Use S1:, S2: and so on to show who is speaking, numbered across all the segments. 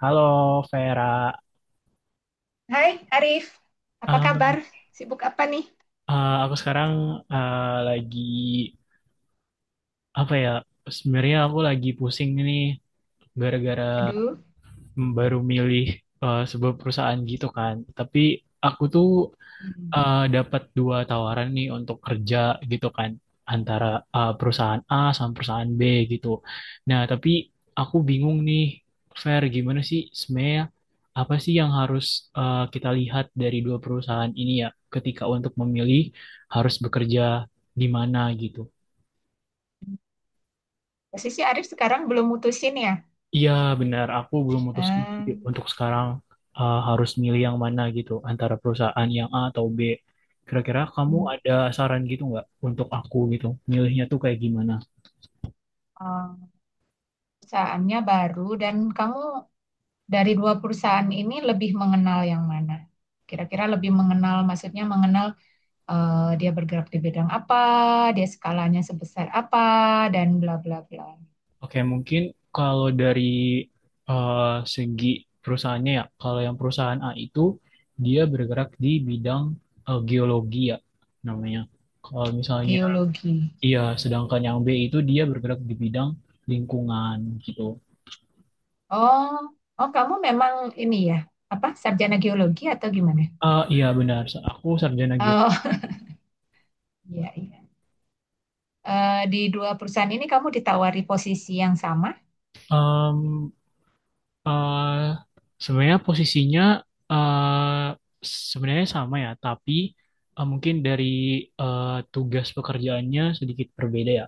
S1: Halo Vera.
S2: Hai Arif, apa kabar?
S1: Eh,
S2: Sibuk apa nih?
S1: aku sekarang eh, lagi apa ya? Sebenarnya aku lagi pusing nih gara-gara
S2: Aduh,
S1: baru milih sebuah perusahaan gitu kan. Tapi aku tuh
S2: hmm.
S1: dapat dua tawaran nih untuk kerja gitu kan antara perusahaan A sama perusahaan B gitu. Nah, tapi aku bingung nih, Fer, gimana sih sebenarnya apa sih yang harus kita lihat dari dua perusahaan ini ya ketika untuk memilih harus bekerja di mana gitu.
S2: Posisi Arif sekarang belum mutusin ya?
S1: Iya benar, aku belum mutusin sih
S2: Hmm,
S1: untuk sekarang, harus milih yang mana gitu antara perusahaan yang A atau B. Kira-kira kamu ada saran gitu nggak untuk aku gitu, milihnya tuh kayak gimana?
S2: oh, perusahaannya baru dan kamu dari dua perusahaan ini lebih mengenal yang mana? Kira-kira lebih mengenal, maksudnya mengenal dia bergerak di bidang apa, dia skalanya sebesar apa, dan bla bla bla.
S1: Oke, mungkin kalau dari uh, segi perusahaannya ya, kalau yang perusahaan A itu dia bergerak di bidang geologi ya namanya. Kalau misalnya
S2: Geologi.
S1: iya, sedangkan yang B itu dia bergerak di bidang lingkungan gitu.
S2: Oh, oh kamu memang ini ya, apa sarjana geologi atau gimana?
S1: Ah iya benar, aku sarjana geologi.
S2: Oh, iya iya. Di dua perusahaan ini kamu ditawari posisi yang sama?
S1: Em, eh, Sebenarnya posisinya eh, sebenarnya sama ya, tapi mungkin dari eh, tugas pekerjaannya sedikit berbeda ya.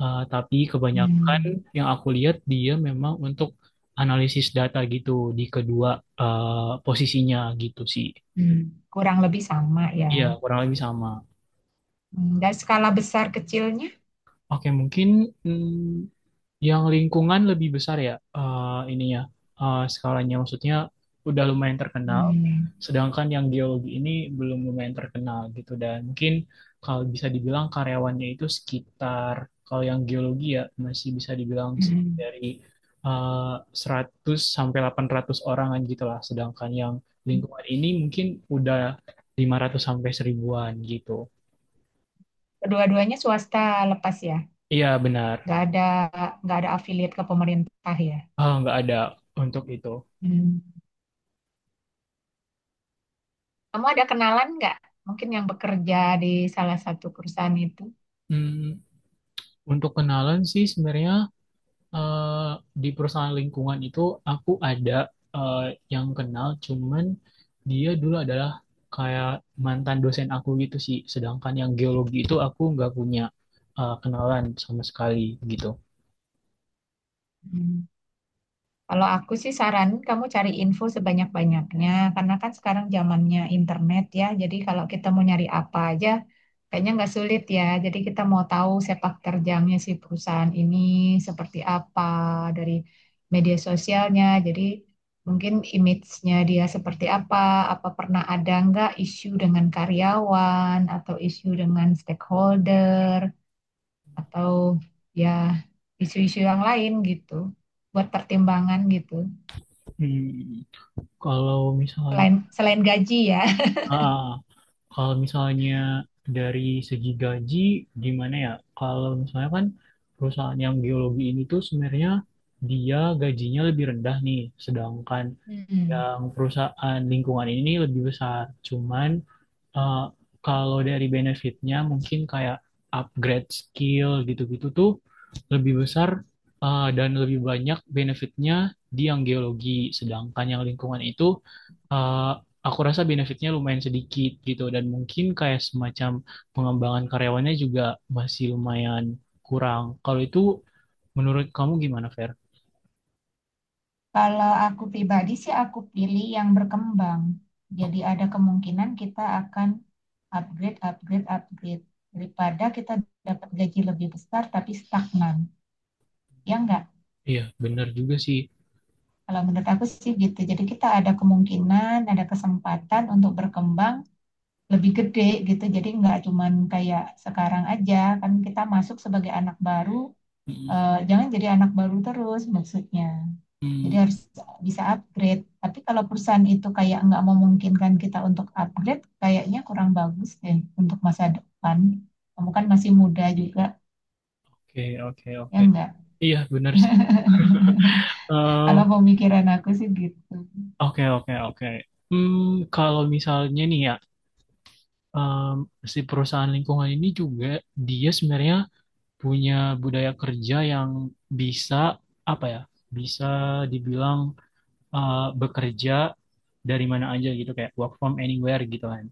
S1: Tapi kebanyakan
S2: Hmm,
S1: yang aku lihat dia memang untuk analisis data gitu di kedua posisinya gitu sih.
S2: hmm, Kurang lebih sama
S1: Iya,
S2: ya.
S1: kurang lebih sama.
S2: Dan skala besar kecilnya?
S1: Oke, mungkin, hmm, yang lingkungan lebih besar ya, ininya skalanya maksudnya udah lumayan terkenal.
S2: Hmm,
S1: Sedangkan yang geologi ini belum lumayan terkenal gitu dan mungkin kalau bisa dibilang karyawannya itu sekitar, kalau yang geologi ya masih bisa dibilang
S2: hmm.
S1: dari eh, 100 sampai 800 orangan gitu lah. Sedangkan yang lingkungan ini mungkin udah 500 sampai seribuan gitu.
S2: Kedua-duanya swasta lepas ya,
S1: Iya benar.
S2: nggak ada nggak ada afiliat ke pemerintah ya.
S1: Ah, nggak ada untuk itu.
S2: hmm, Kamu ada kenalan nggak? Mungkin yang bekerja di salah satu perusahaan itu.
S1: Hmm. Untuk kenalan sih sebenarnya eh, di perusahaan lingkungan itu aku ada eh, yang kenal, cuman dia dulu adalah kayak mantan dosen aku gitu sih. Sedangkan yang geologi itu aku nggak punya kenalan sama sekali gitu.
S2: Hmm. Kalau aku sih saranin kamu cari info sebanyak-banyaknya, karena kan sekarang zamannya internet ya. Jadi kalau kita mau nyari apa aja, kayaknya nggak sulit ya. Jadi kita mau tahu sepak terjangnya si perusahaan ini seperti apa dari media sosialnya. Jadi mungkin image-nya dia seperti apa, apa pernah ada nggak isu dengan karyawan atau isu dengan stakeholder atau ya isu-isu yang lain gitu buat pertimbangan gitu.
S1: Hmm. Kalau misalnya,
S2: Selain selain gaji ya.
S1: ah, kalau misalnya dari segi gaji, gimana ya? Kalau misalnya kan perusahaan yang geologi ini tuh sebenarnya dia gajinya lebih rendah nih, sedangkan
S2: Hmm.
S1: yang perusahaan lingkungan ini lebih besar. Cuman uh, kalau dari benefitnya mungkin kayak upgrade skill gitu-gitu tuh lebih besar dan lebih banyak benefitnya di yang geologi. Sedangkan yang lingkungan itu, uh, aku rasa benefitnya lumayan sedikit gitu dan mungkin kayak semacam pengembangan karyawannya juga masih lumayan kurang. Kalau itu menurut kamu gimana, Fer?
S2: Kalau aku pribadi sih aku pilih yang berkembang. Jadi ada kemungkinan kita akan upgrade, upgrade, upgrade. Daripada kita dapat gaji lebih besar tapi stagnan. Ya enggak?
S1: Iya, benar juga sih.
S2: Kalau menurut aku sih gitu. Jadi kita ada kemungkinan, ada kesempatan untuk berkembang lebih gede gitu. Jadi enggak cuman kayak sekarang aja. Kan kita masuk sebagai anak baru,
S1: Mm,
S2: jangan jadi anak baru terus maksudnya. Jadi
S1: mm.
S2: harus bisa upgrade. Tapi kalau perusahaan itu kayak nggak memungkinkan kita untuk upgrade, kayaknya kurang bagus deh untuk masa depan. Kamu kan masih muda juga,
S1: Oke, oke,
S2: ya
S1: oke.
S2: enggak?
S1: Iya, benar sih.
S2: Kalau
S1: Em.
S2: pemikiran aku sih gitu.
S1: Oke, oke, oke. Hmm, kalau misalnya nih ya, em, si perusahaan lingkungan ini juga dia sebenarnya punya budaya kerja yang bisa apa ya? Bisa dibilang bekerja dari mana aja gitu kayak work from anywhere gitu kan.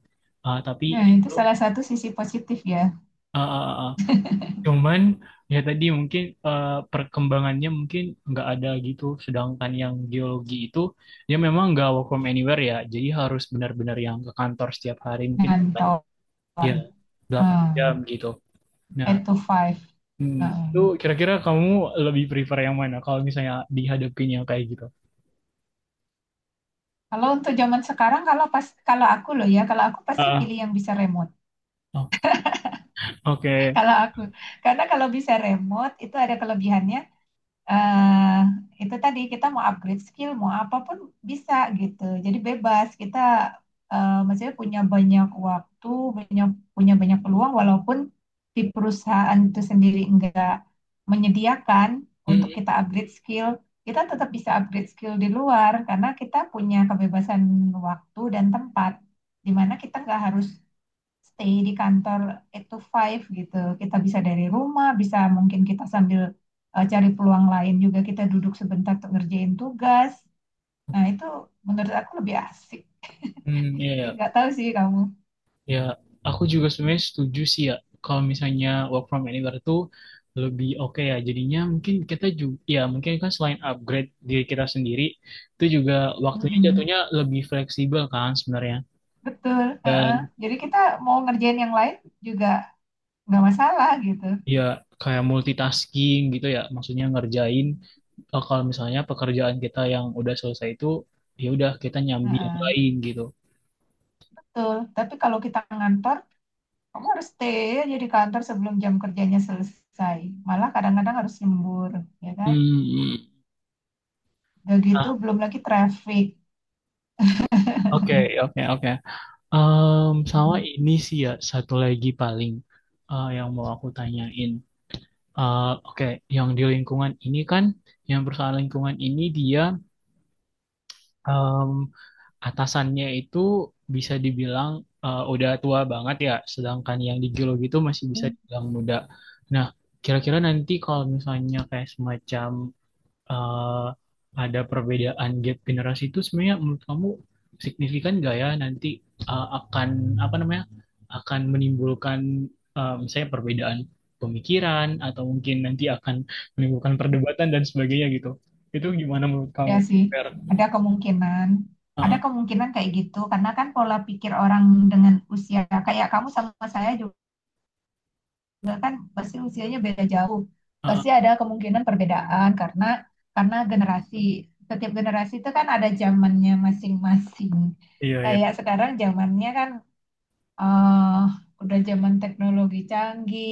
S1: Tapi
S2: Nah, itu
S1: itu
S2: salah satu sisi positif ya,
S1: eh, eh, eh, cuman ya tadi mungkin perkembangannya mungkin nggak ada gitu. Sedangkan yang geologi itu dia memang nggak work from anywhere ya. Jadi harus benar-benar yang ke kantor setiap hari mungkin delapan-
S2: ngantor.
S1: ya delapan jam
S2: Hmm,
S1: gitu. Nah,
S2: Eight to five.
S1: hmm, itu
S2: Hmm.
S1: kira-kira kamu lebih prefer yang mana kalau misalnya dihadapin yang kayak gitu?
S2: Kalau untuk zaman sekarang, kalau pas kalau aku loh ya, kalau aku pasti
S1: Ah,
S2: pilih yang bisa remote.
S1: oke. Oke.
S2: Kalau aku, karena kalau bisa remote itu ada kelebihannya, eh itu tadi kita mau upgrade skill, mau apapun bisa gitu. Jadi bebas kita maksudnya punya banyak waktu, punya punya banyak peluang walaupun di perusahaan itu sendiri enggak menyediakan untuk
S1: Hmm,
S2: kita upgrade skill, kita tetap bisa upgrade skill di luar karena kita punya kebebasan waktu dan tempat di mana kita nggak harus stay di kantor eight to five gitu. Kita bisa dari rumah, bisa mungkin kita sambil cari peluang lain juga kita duduk sebentar untuk ngerjain tugas. Nah, itu menurut aku lebih asik.
S1: hmm, iya, iya.
S2: Ya, nggak tahu sih kamu.
S1: Ya, aku juga sebenarnya setuju sih ya kalau misalnya work from anywhere itu lebih oke ya. Jadinya mungkin kita juga ya mungkin kan selain upgrade diri kita sendiri itu juga waktunya
S2: Mm-mm.
S1: jatuhnya lebih fleksibel kan sebenarnya.
S2: Betul. Heeh.
S1: Dan
S2: Jadi kita mau ngerjain yang lain juga nggak masalah gitu.
S1: ya kayak multitasking gitu ya, maksudnya ngerjain kalau misalnya pekerjaan kita yang udah selesai itu ya udah kita nyambi yang
S2: Heeh.
S1: lain gitu.
S2: Betul. Tapi kalau kita ngantor, kamu harus stay aja di kantor sebelum jam kerjanya selesai. Malah kadang-kadang harus lembur, ya kan?
S1: Hmm.
S2: Udah gitu,
S1: Nah,
S2: belum lagi traffic.
S1: oke, oke, oke. Em, sama ini sih ya satu lagi paling yang mau aku tanyain. Eh, Oke, yang di lingkungan ini kan, yang perusahaan lingkungan ini dia em, atasannya itu bisa dibilang udah tua banget ya, sedangkan yang di geologi itu masih bisa
S2: Hmm.
S1: dibilang muda. Nah, kira-kira nanti kalau misalnya kayak semacam eh, ada perbedaan gap generasi itu sebenarnya menurut kamu signifikan nggak ya nanti akan apa namanya akan menimbulkan misalnya perbedaan pemikiran atau mungkin nanti akan menimbulkan perdebatan dan sebagainya gitu. Itu gimana menurut kamu,
S2: Ya sih,
S1: Fer?
S2: ada kemungkinan,
S1: Ah,
S2: ada
S1: ah,
S2: kemungkinan kayak gitu, karena kan pola pikir orang dengan usia kayak kamu sama saya juga kan pasti usianya beda jauh,
S1: ah, ah.
S2: pasti ada kemungkinan perbedaan karena generasi, setiap generasi itu kan ada zamannya masing-masing.
S1: Iya, iya.
S2: Kayak sekarang zamannya kan eh udah zaman teknologi canggih,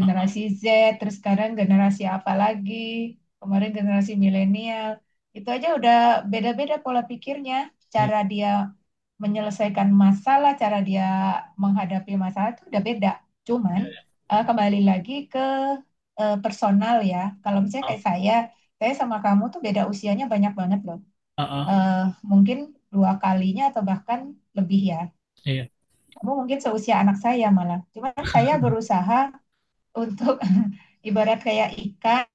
S1: Ah,
S2: Z, terus sekarang generasi apa lagi? Kemarin generasi milenial. Itu aja udah beda-beda pola pikirnya,
S1: iya.
S2: cara dia menyelesaikan masalah, cara dia menghadapi masalah itu udah beda. Cuman kembali lagi ke personal ya. Kalau misalnya
S1: Ah,
S2: kayak saya sama kamu tuh beda usianya banyak banget loh.
S1: ah, ah.
S2: Eh, Mungkin dua kalinya atau bahkan lebih ya
S1: Iya.
S2: kamu mungkin seusia anak saya malah. Cuman saya berusaha untuk ibarat kayak ikan,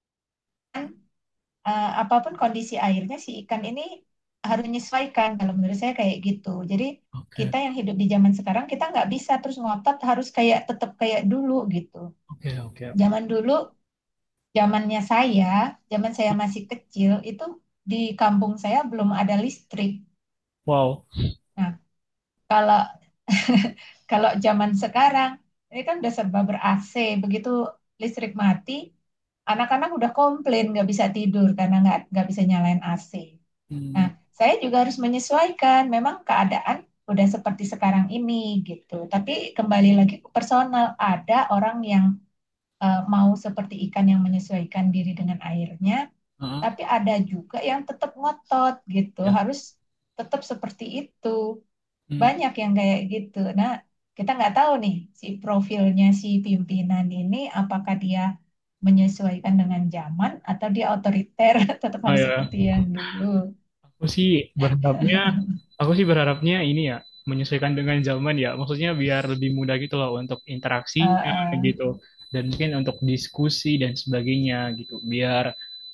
S2: apapun kondisi airnya si ikan ini harus menyesuaikan. Kalau menurut saya kayak gitu. Jadi
S1: Oke,
S2: kita yang hidup di zaman sekarang kita nggak bisa terus ngotot harus kayak tetap kayak dulu gitu.
S1: oke, oke.
S2: Zaman dulu, zamannya saya, zaman saya masih kecil itu di kampung saya belum ada listrik.
S1: Wow.
S2: Nah, kalau kalau zaman sekarang ini kan udah serba ber AC, begitu listrik mati, anak-anak udah komplain nggak bisa tidur karena nggak bisa nyalain AC. Nah,
S1: Hmm,
S2: saya juga harus menyesuaikan. Memang keadaan udah seperti sekarang ini gitu. Tapi kembali lagi ke personal, ada orang yang mau seperti ikan yang menyesuaikan diri dengan airnya,
S1: ah, ah.
S2: tapi ada juga yang tetap ngotot gitu.
S1: Ya.
S2: Harus tetap seperti itu
S1: Hmm.
S2: banyak yang kayak gitu. Nah, kita nggak tahu nih si profilnya si pimpinan ini apakah dia menyesuaikan dengan zaman atau dia otoriter tetap
S1: Ah,
S2: harus
S1: ya.
S2: seperti yang dulu.
S1: Aku sih berharapnya, aku sih berharapnya ini ya, menyesuaikan dengan zaman ya. Maksudnya biar lebih mudah gitu loh untuk
S2: Eh,
S1: interaksinya
S2: eh.
S1: gitu. Dan mungkin untuk diskusi dan sebagainya gitu. Biar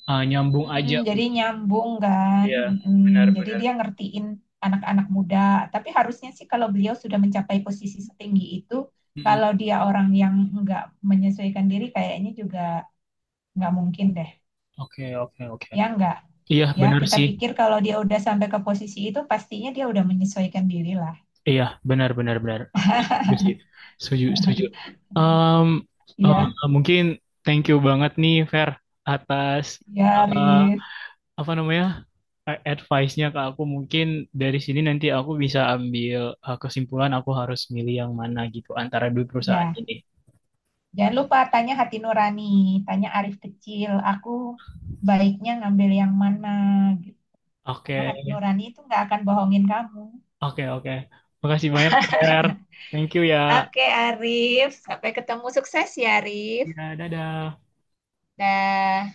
S1: nyambung
S2: Mm-mm,
S1: aja
S2: jadi
S1: gitu
S2: nyambung kan.
S1: ya.
S2: Mm-mm. Jadi
S1: Benar-benar.
S2: dia ngertiin anak-anak muda. Tapi harusnya sih kalau beliau sudah mencapai posisi setinggi itu,
S1: Mm-mm.
S2: kalau dia orang yang nggak menyesuaikan diri, kayaknya juga nggak mungkin deh.
S1: Oke, oke, oke.
S2: Ya, enggak?
S1: Iya,
S2: Ya,
S1: benar
S2: kita
S1: sih.
S2: pikir kalau dia udah sampai ke posisi itu pastinya dia udah menyesuaikan diri lah,
S1: Iya, benar, benar, benar. Aku setuju sih. Setuju, setuju. Um, uh,
S2: ya.
S1: Mungkin thank you banget nih, Fer, atas
S2: Ya,
S1: ah,
S2: Arif.
S1: apa namanya a- advice-nya ke aku. Mungkin dari sini nanti aku bisa ambil kesimpulan aku harus milih yang mana gitu antara dua perusahaan
S2: Ya,
S1: ini.
S2: jangan lupa tanya hati nurani, tanya Arif kecil aku, baiknya ngambil yang mana, gitu,
S1: Oke,
S2: karena hati nurani itu nggak akan bohongin kamu.
S1: oke, oke. Makasih banyak, Fer. Thank you ya.
S2: Oke Arif, sampai ketemu, sukses ya Arif.
S1: Ya, dadah.
S2: Dah.